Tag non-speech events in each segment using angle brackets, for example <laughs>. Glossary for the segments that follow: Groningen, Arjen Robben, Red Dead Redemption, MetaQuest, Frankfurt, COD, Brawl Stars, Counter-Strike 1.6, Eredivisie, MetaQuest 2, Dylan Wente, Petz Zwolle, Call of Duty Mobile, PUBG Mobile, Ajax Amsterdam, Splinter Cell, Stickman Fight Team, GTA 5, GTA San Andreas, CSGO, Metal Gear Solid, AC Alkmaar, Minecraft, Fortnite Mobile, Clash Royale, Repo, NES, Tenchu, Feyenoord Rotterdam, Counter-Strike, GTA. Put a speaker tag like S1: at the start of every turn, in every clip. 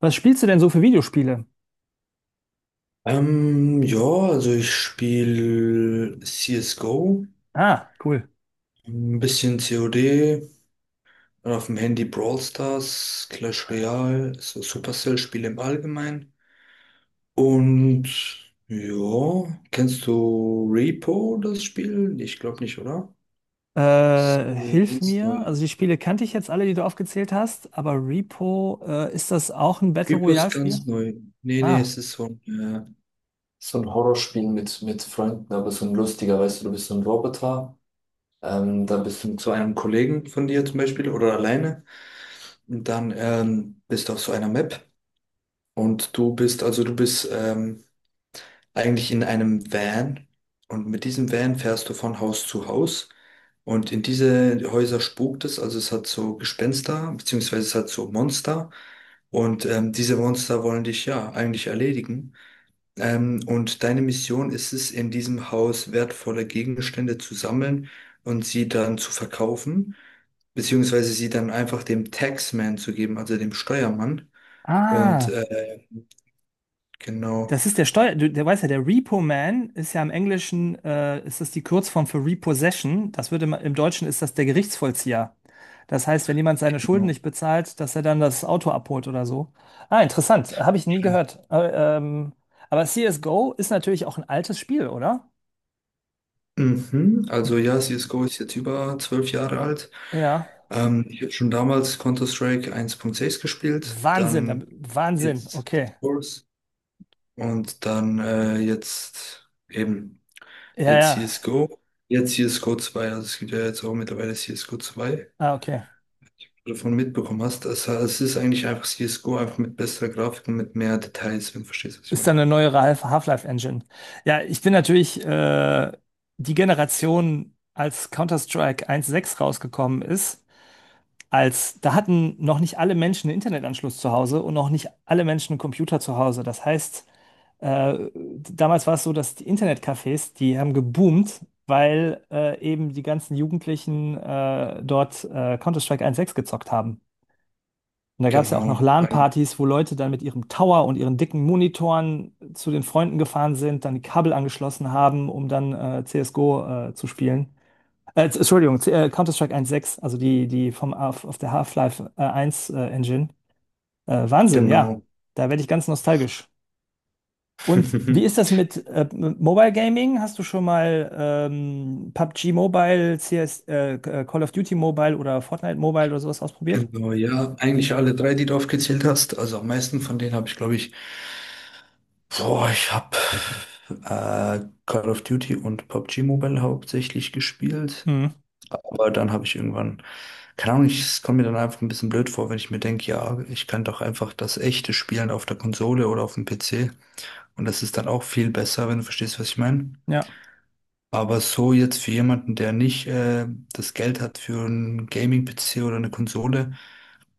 S1: Was spielst du denn so für Videospiele?
S2: Ja, also ich spiele CSGO,
S1: Ah, cool.
S2: ein bisschen COD, dann auf dem Handy Brawl Stars, Clash Royale, so Supercell-Spiele im Allgemeinen. Und ja, kennst du Repo, das Spiel? Ich glaube nicht, oder? Ist
S1: Hilf
S2: ganz
S1: mir.
S2: neu.
S1: Also die Spiele kannte ich jetzt alle, die du aufgezählt hast, aber Repo, ist das auch ein Battle
S2: Repo ist
S1: Royale-Spiel?
S2: ganz neu. Nee, nee,
S1: Ah.
S2: es ist so ein, äh, so ein Horrorspiel mit Freunden, aber so ein lustiger, weißt du, du bist so ein Roboter. Dann bist du zu einem Kollegen von dir zum Beispiel oder alleine und dann bist du auf so einer Map und du bist eigentlich in einem Van und mit diesem Van fährst du von Haus zu Haus, und in diese Häuser spukt es, also es hat so Gespenster, beziehungsweise es hat so Monster, und diese Monster wollen dich ja eigentlich erledigen. Und deine Mission ist es, in diesem Haus wertvolle Gegenstände zu sammeln und sie dann zu verkaufen, beziehungsweise sie dann einfach dem Taxman zu geben, also dem Steuermann. Und
S1: Ah.
S2: genau,
S1: Das ist der Steuer, du, der weiß ja, der Repo Man ist ja im Englischen, ist das die Kurzform für Repossession. Das wird im Deutschen ist das der Gerichtsvollzieher. Das heißt, wenn jemand seine Schulden
S2: genau.
S1: nicht bezahlt, dass er dann das Auto abholt oder so. Ah, interessant. Habe ich nie gehört. Aber CSGO ist natürlich auch ein altes Spiel, oder?
S2: Mhm. Also ja, CSGO ist jetzt über 12 Jahre alt.
S1: Ja.
S2: Ich habe schon damals Counter-Strike 1.6 gespielt,
S1: Wahnsinn, da-
S2: dann
S1: Wahnsinn,
S2: jetzt
S1: okay.
S2: Source und dann jetzt eben.
S1: Ja,
S2: Jetzt
S1: ja.
S2: CSGO. Jetzt CSGO zwei. Also es gibt ja jetzt auch mittlerweile CSGO zwei,
S1: Ah, okay.
S2: wenn du davon mitbekommen hast. Also es ist eigentlich einfach CSGO, einfach mit besserer Grafik und mit mehr Details, wenn du verstehst, was ich
S1: Ist
S2: meine.
S1: dann eine neuere Half-Life-Engine. Ja, ich bin natürlich die Generation, als Counter-Strike 1.6 rausgekommen ist, als da hatten noch nicht alle Menschen einen Internetanschluss zu Hause und noch nicht alle Menschen einen Computer zu Hause. Das heißt, äh, damals war es so, dass die Internetcafés, die haben geboomt, weil eben die ganzen Jugendlichen dort Counter-Strike 1.6 gezockt haben. Und da gab es ja auch noch
S2: Genau, eigentlich,
S1: LAN-Partys, wo Leute dann mit ihrem Tower und ihren dicken Monitoren zu den Freunden gefahren sind, dann die Kabel angeschlossen haben, um dann CSGO zu spielen. Entschuldigung, Counter-Strike 1.6, also die auf der Half-Life 1 Engine. Wahnsinn, ja.
S2: genau.
S1: Da werde ich ganz nostalgisch. Und wie ist das
S2: <laughs>
S1: mit Mobile Gaming? Hast du schon mal PUBG Mobile, CS, Call of Duty Mobile oder Fortnite Mobile oder sowas ausprobiert?
S2: Genau, ja. Eigentlich alle drei, die du aufgezählt hast. Also am meisten von denen habe ich, glaube ich, boah, ich habe Call of Duty und PUBG Mobile hauptsächlich gespielt.
S1: Mhm.
S2: Aber dann habe ich irgendwann, keine Ahnung, es kommt mir dann einfach ein bisschen blöd vor, wenn ich mir denke, ja, ich kann doch einfach das echte spielen auf der Konsole oder auf dem PC. Und das ist dann auch viel besser, wenn du verstehst, was ich meine.
S1: Ja.
S2: Aber so jetzt für jemanden, der nicht das Geld hat für einen Gaming-PC oder eine Konsole,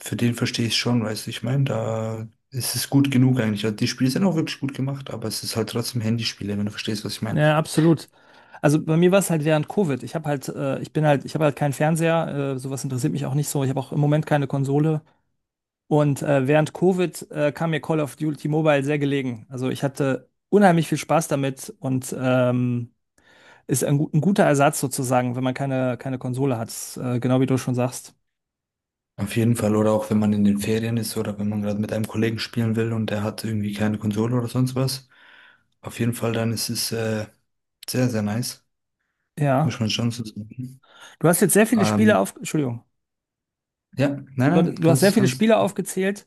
S2: für den verstehe ich schon, weißt du, ich meine, da ist es gut genug eigentlich. Also die Spiele sind auch wirklich gut gemacht, aber es ist halt trotzdem Handyspiele, wenn du verstehst, was ich meine.
S1: Ja, absolut. Also bei mir war es halt während Covid. Ich habe halt keinen Fernseher, sowas interessiert mich auch nicht so. Ich habe auch im Moment keine Konsole. Und während Covid kam mir Call of Duty Mobile sehr gelegen. Also ich hatte unheimlich viel Spaß damit und ist ein guter Ersatz sozusagen, wenn man keine Konsole hat. Genau wie du schon sagst.
S2: Auf jeden Fall, oder auch wenn man in den Ferien ist oder wenn man gerade mit einem Kollegen spielen will und der hat irgendwie keine Konsole oder sonst was. Auf jeden Fall, dann ist es sehr, sehr nice. Muss
S1: Ja.
S2: man schon so sagen.
S1: Du hast jetzt sehr viele Spiele
S2: Ähm,
S1: Entschuldigung.
S2: ja, nein, nein,
S1: Du hast sehr
S2: ganz,
S1: viele
S2: ganz.
S1: Spiele aufgezählt,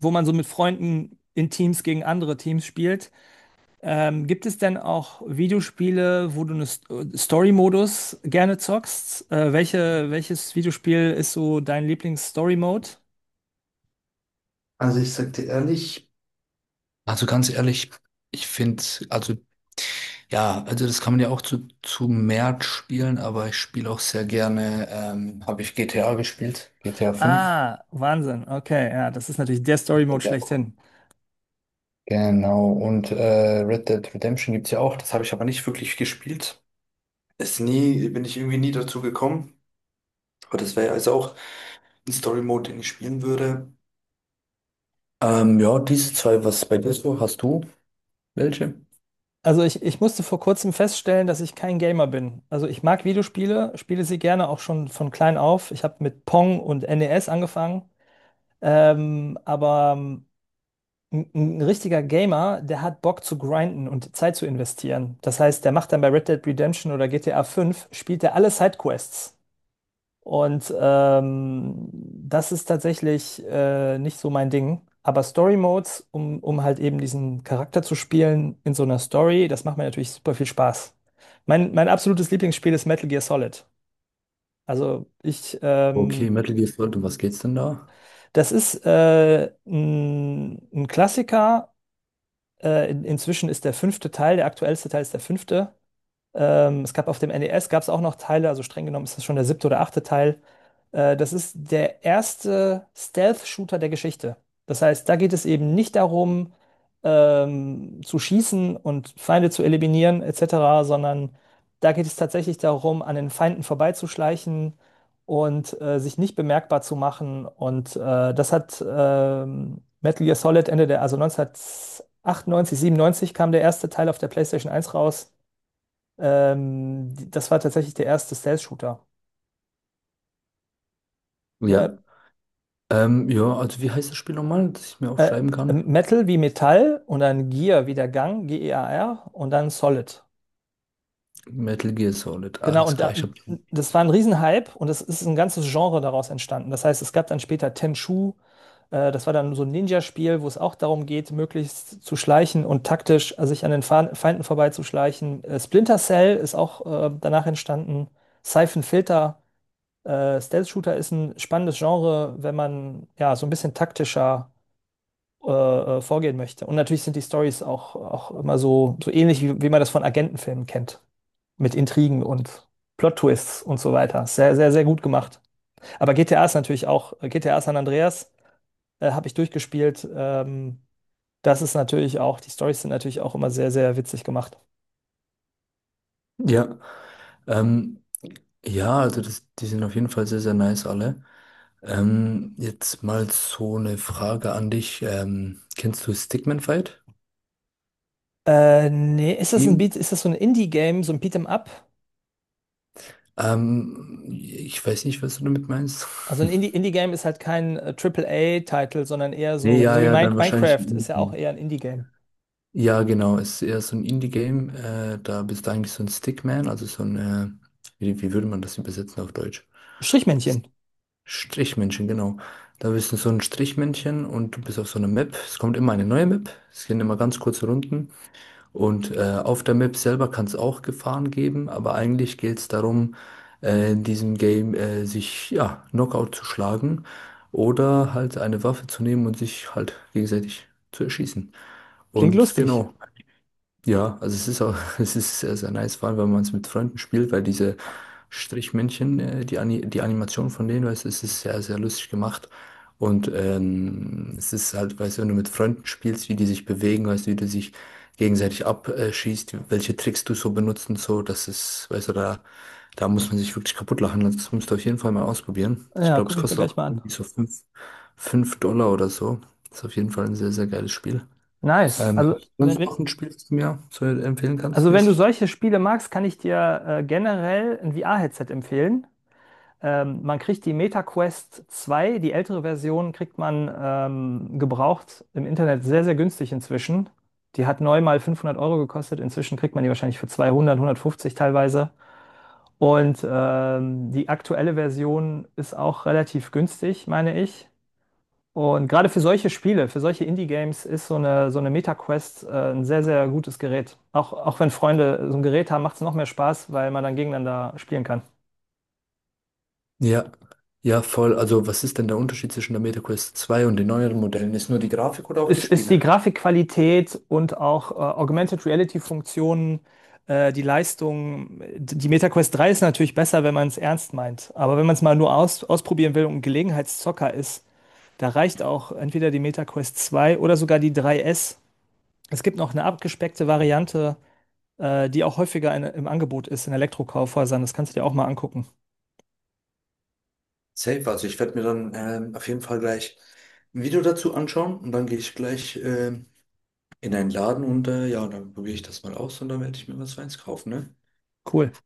S1: wo man so mit Freunden in Teams gegen andere Teams spielt. Gibt es denn auch Videospiele, wo du einen Story-Modus gerne zockst? Welches Videospiel ist so dein Lieblings-Story-Mode?
S2: Also ich sag dir ehrlich, also ganz ehrlich, ich finde, also ja, also das kann man ja auch zu mehr spielen, aber ich spiele auch sehr gerne, habe ich GTA gespielt, GTA 5.
S1: Ah, Wahnsinn. Okay, ja, das ist natürlich der Story-Mode
S2: Ja.
S1: schlechthin.
S2: Genau, und Red Dead Redemption gibt's ja auch, das habe ich aber nicht wirklich gespielt. Ist nie, bin ich irgendwie nie dazu gekommen. Aber das wäre also auch ein Story-Mode, den ich spielen würde. Ja, diese zwei, was bei dir so? Hast du welche?
S1: Also ich musste vor kurzem feststellen, dass ich kein Gamer bin. Also ich mag Videospiele, spiele sie gerne auch schon von klein auf. Ich habe mit Pong und NES angefangen. Aber ein richtiger Gamer, der hat Bock zu grinden und Zeit zu investieren. Das heißt, der macht dann bei Red Dead Redemption oder GTA 5, spielt er alle Sidequests. Und das ist tatsächlich nicht so mein Ding. Aber Story Modes, um halt eben diesen Charakter zu spielen in so einer Story, das macht mir natürlich super viel Spaß. Mein absolutes Lieblingsspiel ist Metal Gear Solid. Also
S2: Okay, Metal Gear Solid, um was geht's denn da?
S1: das ist ein Klassiker. Inzwischen ist der fünfte Teil, der aktuellste Teil ist der fünfte. Es gab auf dem NES gab es auch noch Teile, also streng genommen ist das schon der siebte oder achte Teil. Das ist der erste Stealth-Shooter der Geschichte. Das heißt, da geht es eben nicht darum, zu schießen und Feinde zu eliminieren, etc., sondern da geht es tatsächlich darum, an den Feinden vorbeizuschleichen und sich nicht bemerkbar zu machen. Und das hat Metal Gear Solid Ende der, also 1998, 97 kam der erste Teil auf der PlayStation 1 raus. Das war tatsächlich der erste Stealth-Shooter.
S2: Ja.
S1: Ja.
S2: Ja, also wie heißt das Spiel nochmal, dass ich mir
S1: äh,
S2: aufschreiben kann?
S1: Metal wie Metall und dann Gear wie der Gang, G-E-A-R und dann Solid.
S2: Metal Gear Solid,
S1: Genau,
S2: alles klar, ich hab.
S1: das war ein Riesenhype und es ist ein ganzes Genre daraus entstanden. Das heißt, es gab dann später Tenchu, das war dann so ein Ninja-Spiel, wo es auch darum geht, möglichst zu schleichen und taktisch sich an den Feinden vorbeizuschleichen. Splinter Cell ist auch danach entstanden. Siphon Filter. Stealth-Shooter ist ein spannendes Genre, wenn man ja so ein bisschen taktischer äh, vorgehen möchte. Und natürlich sind die Stories auch immer so ähnlich, wie man das von Agentenfilmen kennt. Mit Intrigen und Plot-Twists und so weiter. Sehr, sehr, sehr gut gemacht. Aber GTA ist natürlich auch, GTA San Andreas habe ich durchgespielt. Das ist natürlich auch, die Stories sind natürlich auch immer sehr, sehr witzig gemacht.
S2: Ja. Ähm, ja, also das, die sind auf jeden Fall sehr, sehr nice alle. Jetzt mal so eine Frage an dich. Kennst du Stickman Fight
S1: Nee,
S2: Team?
S1: Ist das so ein Indie-Game, so ein Beat'em Up?
S2: Ich weiß nicht, was du damit meinst.
S1: Also ein Indie,
S2: <laughs>
S1: Indie-Game ist halt kein a titel sondern eher
S2: Nee,
S1: so,
S2: ja,
S1: so wie
S2: ja, dann wahrscheinlich
S1: Minecraft
S2: ein
S1: ist ja auch
S2: Indie-Game.
S1: eher ein Indie-Game.
S2: Ja, genau, ist eher so ein Indie-Game. Da bist du eigentlich so ein Stickman, also wie würde man das übersetzen auf Deutsch? S-
S1: Strichmännchen.
S2: Strichmännchen, genau. Da bist du so ein Strichmännchen und du bist auf so einer Map. Es kommt immer eine neue Map. Es gehen immer ganz kurze Runden. Und auf der Map selber kann es auch Gefahren geben, aber eigentlich geht es darum, in diesem Game sich ja, Knockout zu schlagen oder halt eine Waffe zu nehmen und sich halt gegenseitig zu erschießen.
S1: Klingt
S2: Und
S1: lustig.
S2: genau, ja, also es ist auch, <laughs> es ist sehr, sehr nice, vor allem wenn man es mit Freunden spielt, weil diese Strichmännchen, die Animation von denen, weißt du, es ist sehr, sehr lustig gemacht. Und es ist halt, weißt du, wenn du mit Freunden spielst, wie die sich bewegen, weißt du, wie du sich gegenseitig abschießt, welche Tricks du so benutzt und so, das ist, weißt du, da, da muss man sich wirklich kaputt lachen. Also das musst du auf jeden Fall mal ausprobieren. Ich
S1: Ja,
S2: glaube, es
S1: gucke ich mir
S2: kostet
S1: gleich
S2: auch
S1: mal an.
S2: irgendwie so fünf Dollar oder so. Ist auf jeden Fall ein sehr, sehr geiles Spiel.
S1: Nice.
S2: Ähm,
S1: Also wenn,
S2: Sonst noch
S1: wenn,
S2: ein Spiel, das du mir so empfehlen kannst,
S1: also wenn du
S2: mäßig?
S1: solche Spiele magst, kann ich dir generell ein VR-Headset empfehlen. Man kriegt die MetaQuest 2, die ältere Version, kriegt man gebraucht im Internet sehr, sehr günstig inzwischen. Die hat neu mal 500 € gekostet. Inzwischen kriegt man die wahrscheinlich für 200, 150 teilweise. Und die aktuelle Version ist auch relativ günstig, meine ich. Und gerade für solche Spiele, für solche Indie-Games ist so eine Meta-Quest ein sehr, sehr gutes Gerät. Auch wenn Freunde so ein Gerät haben, macht es noch mehr Spaß, weil man dann gegeneinander spielen kann.
S2: Ja, ja, voll. Also, was ist denn der Unterschied zwischen der MetaQuest zwei und den neueren Modellen? Ist nur die Grafik oder auch die
S1: Es ist die
S2: Spiele?
S1: Grafikqualität und auch Augmented Reality-Funktionen, die Leistung. Die MetaQuest 3 ist natürlich besser, wenn man es ernst meint. Aber wenn man es mal nur ausprobieren will und ein Gelegenheitszocker ist, da reicht auch entweder die MetaQuest 2 oder sogar die 3S. Es gibt noch eine abgespeckte Variante, die auch häufiger im Angebot ist in Elektrokaufhäusern. Das kannst du dir auch mal angucken.
S2: Safe, also ich werde mir dann auf jeden Fall gleich ein Video dazu anschauen und dann gehe ich gleich in einen Laden und ja, dann probiere ich das mal aus und dann werde ich mir was Feines kaufen, ne?
S1: Cool.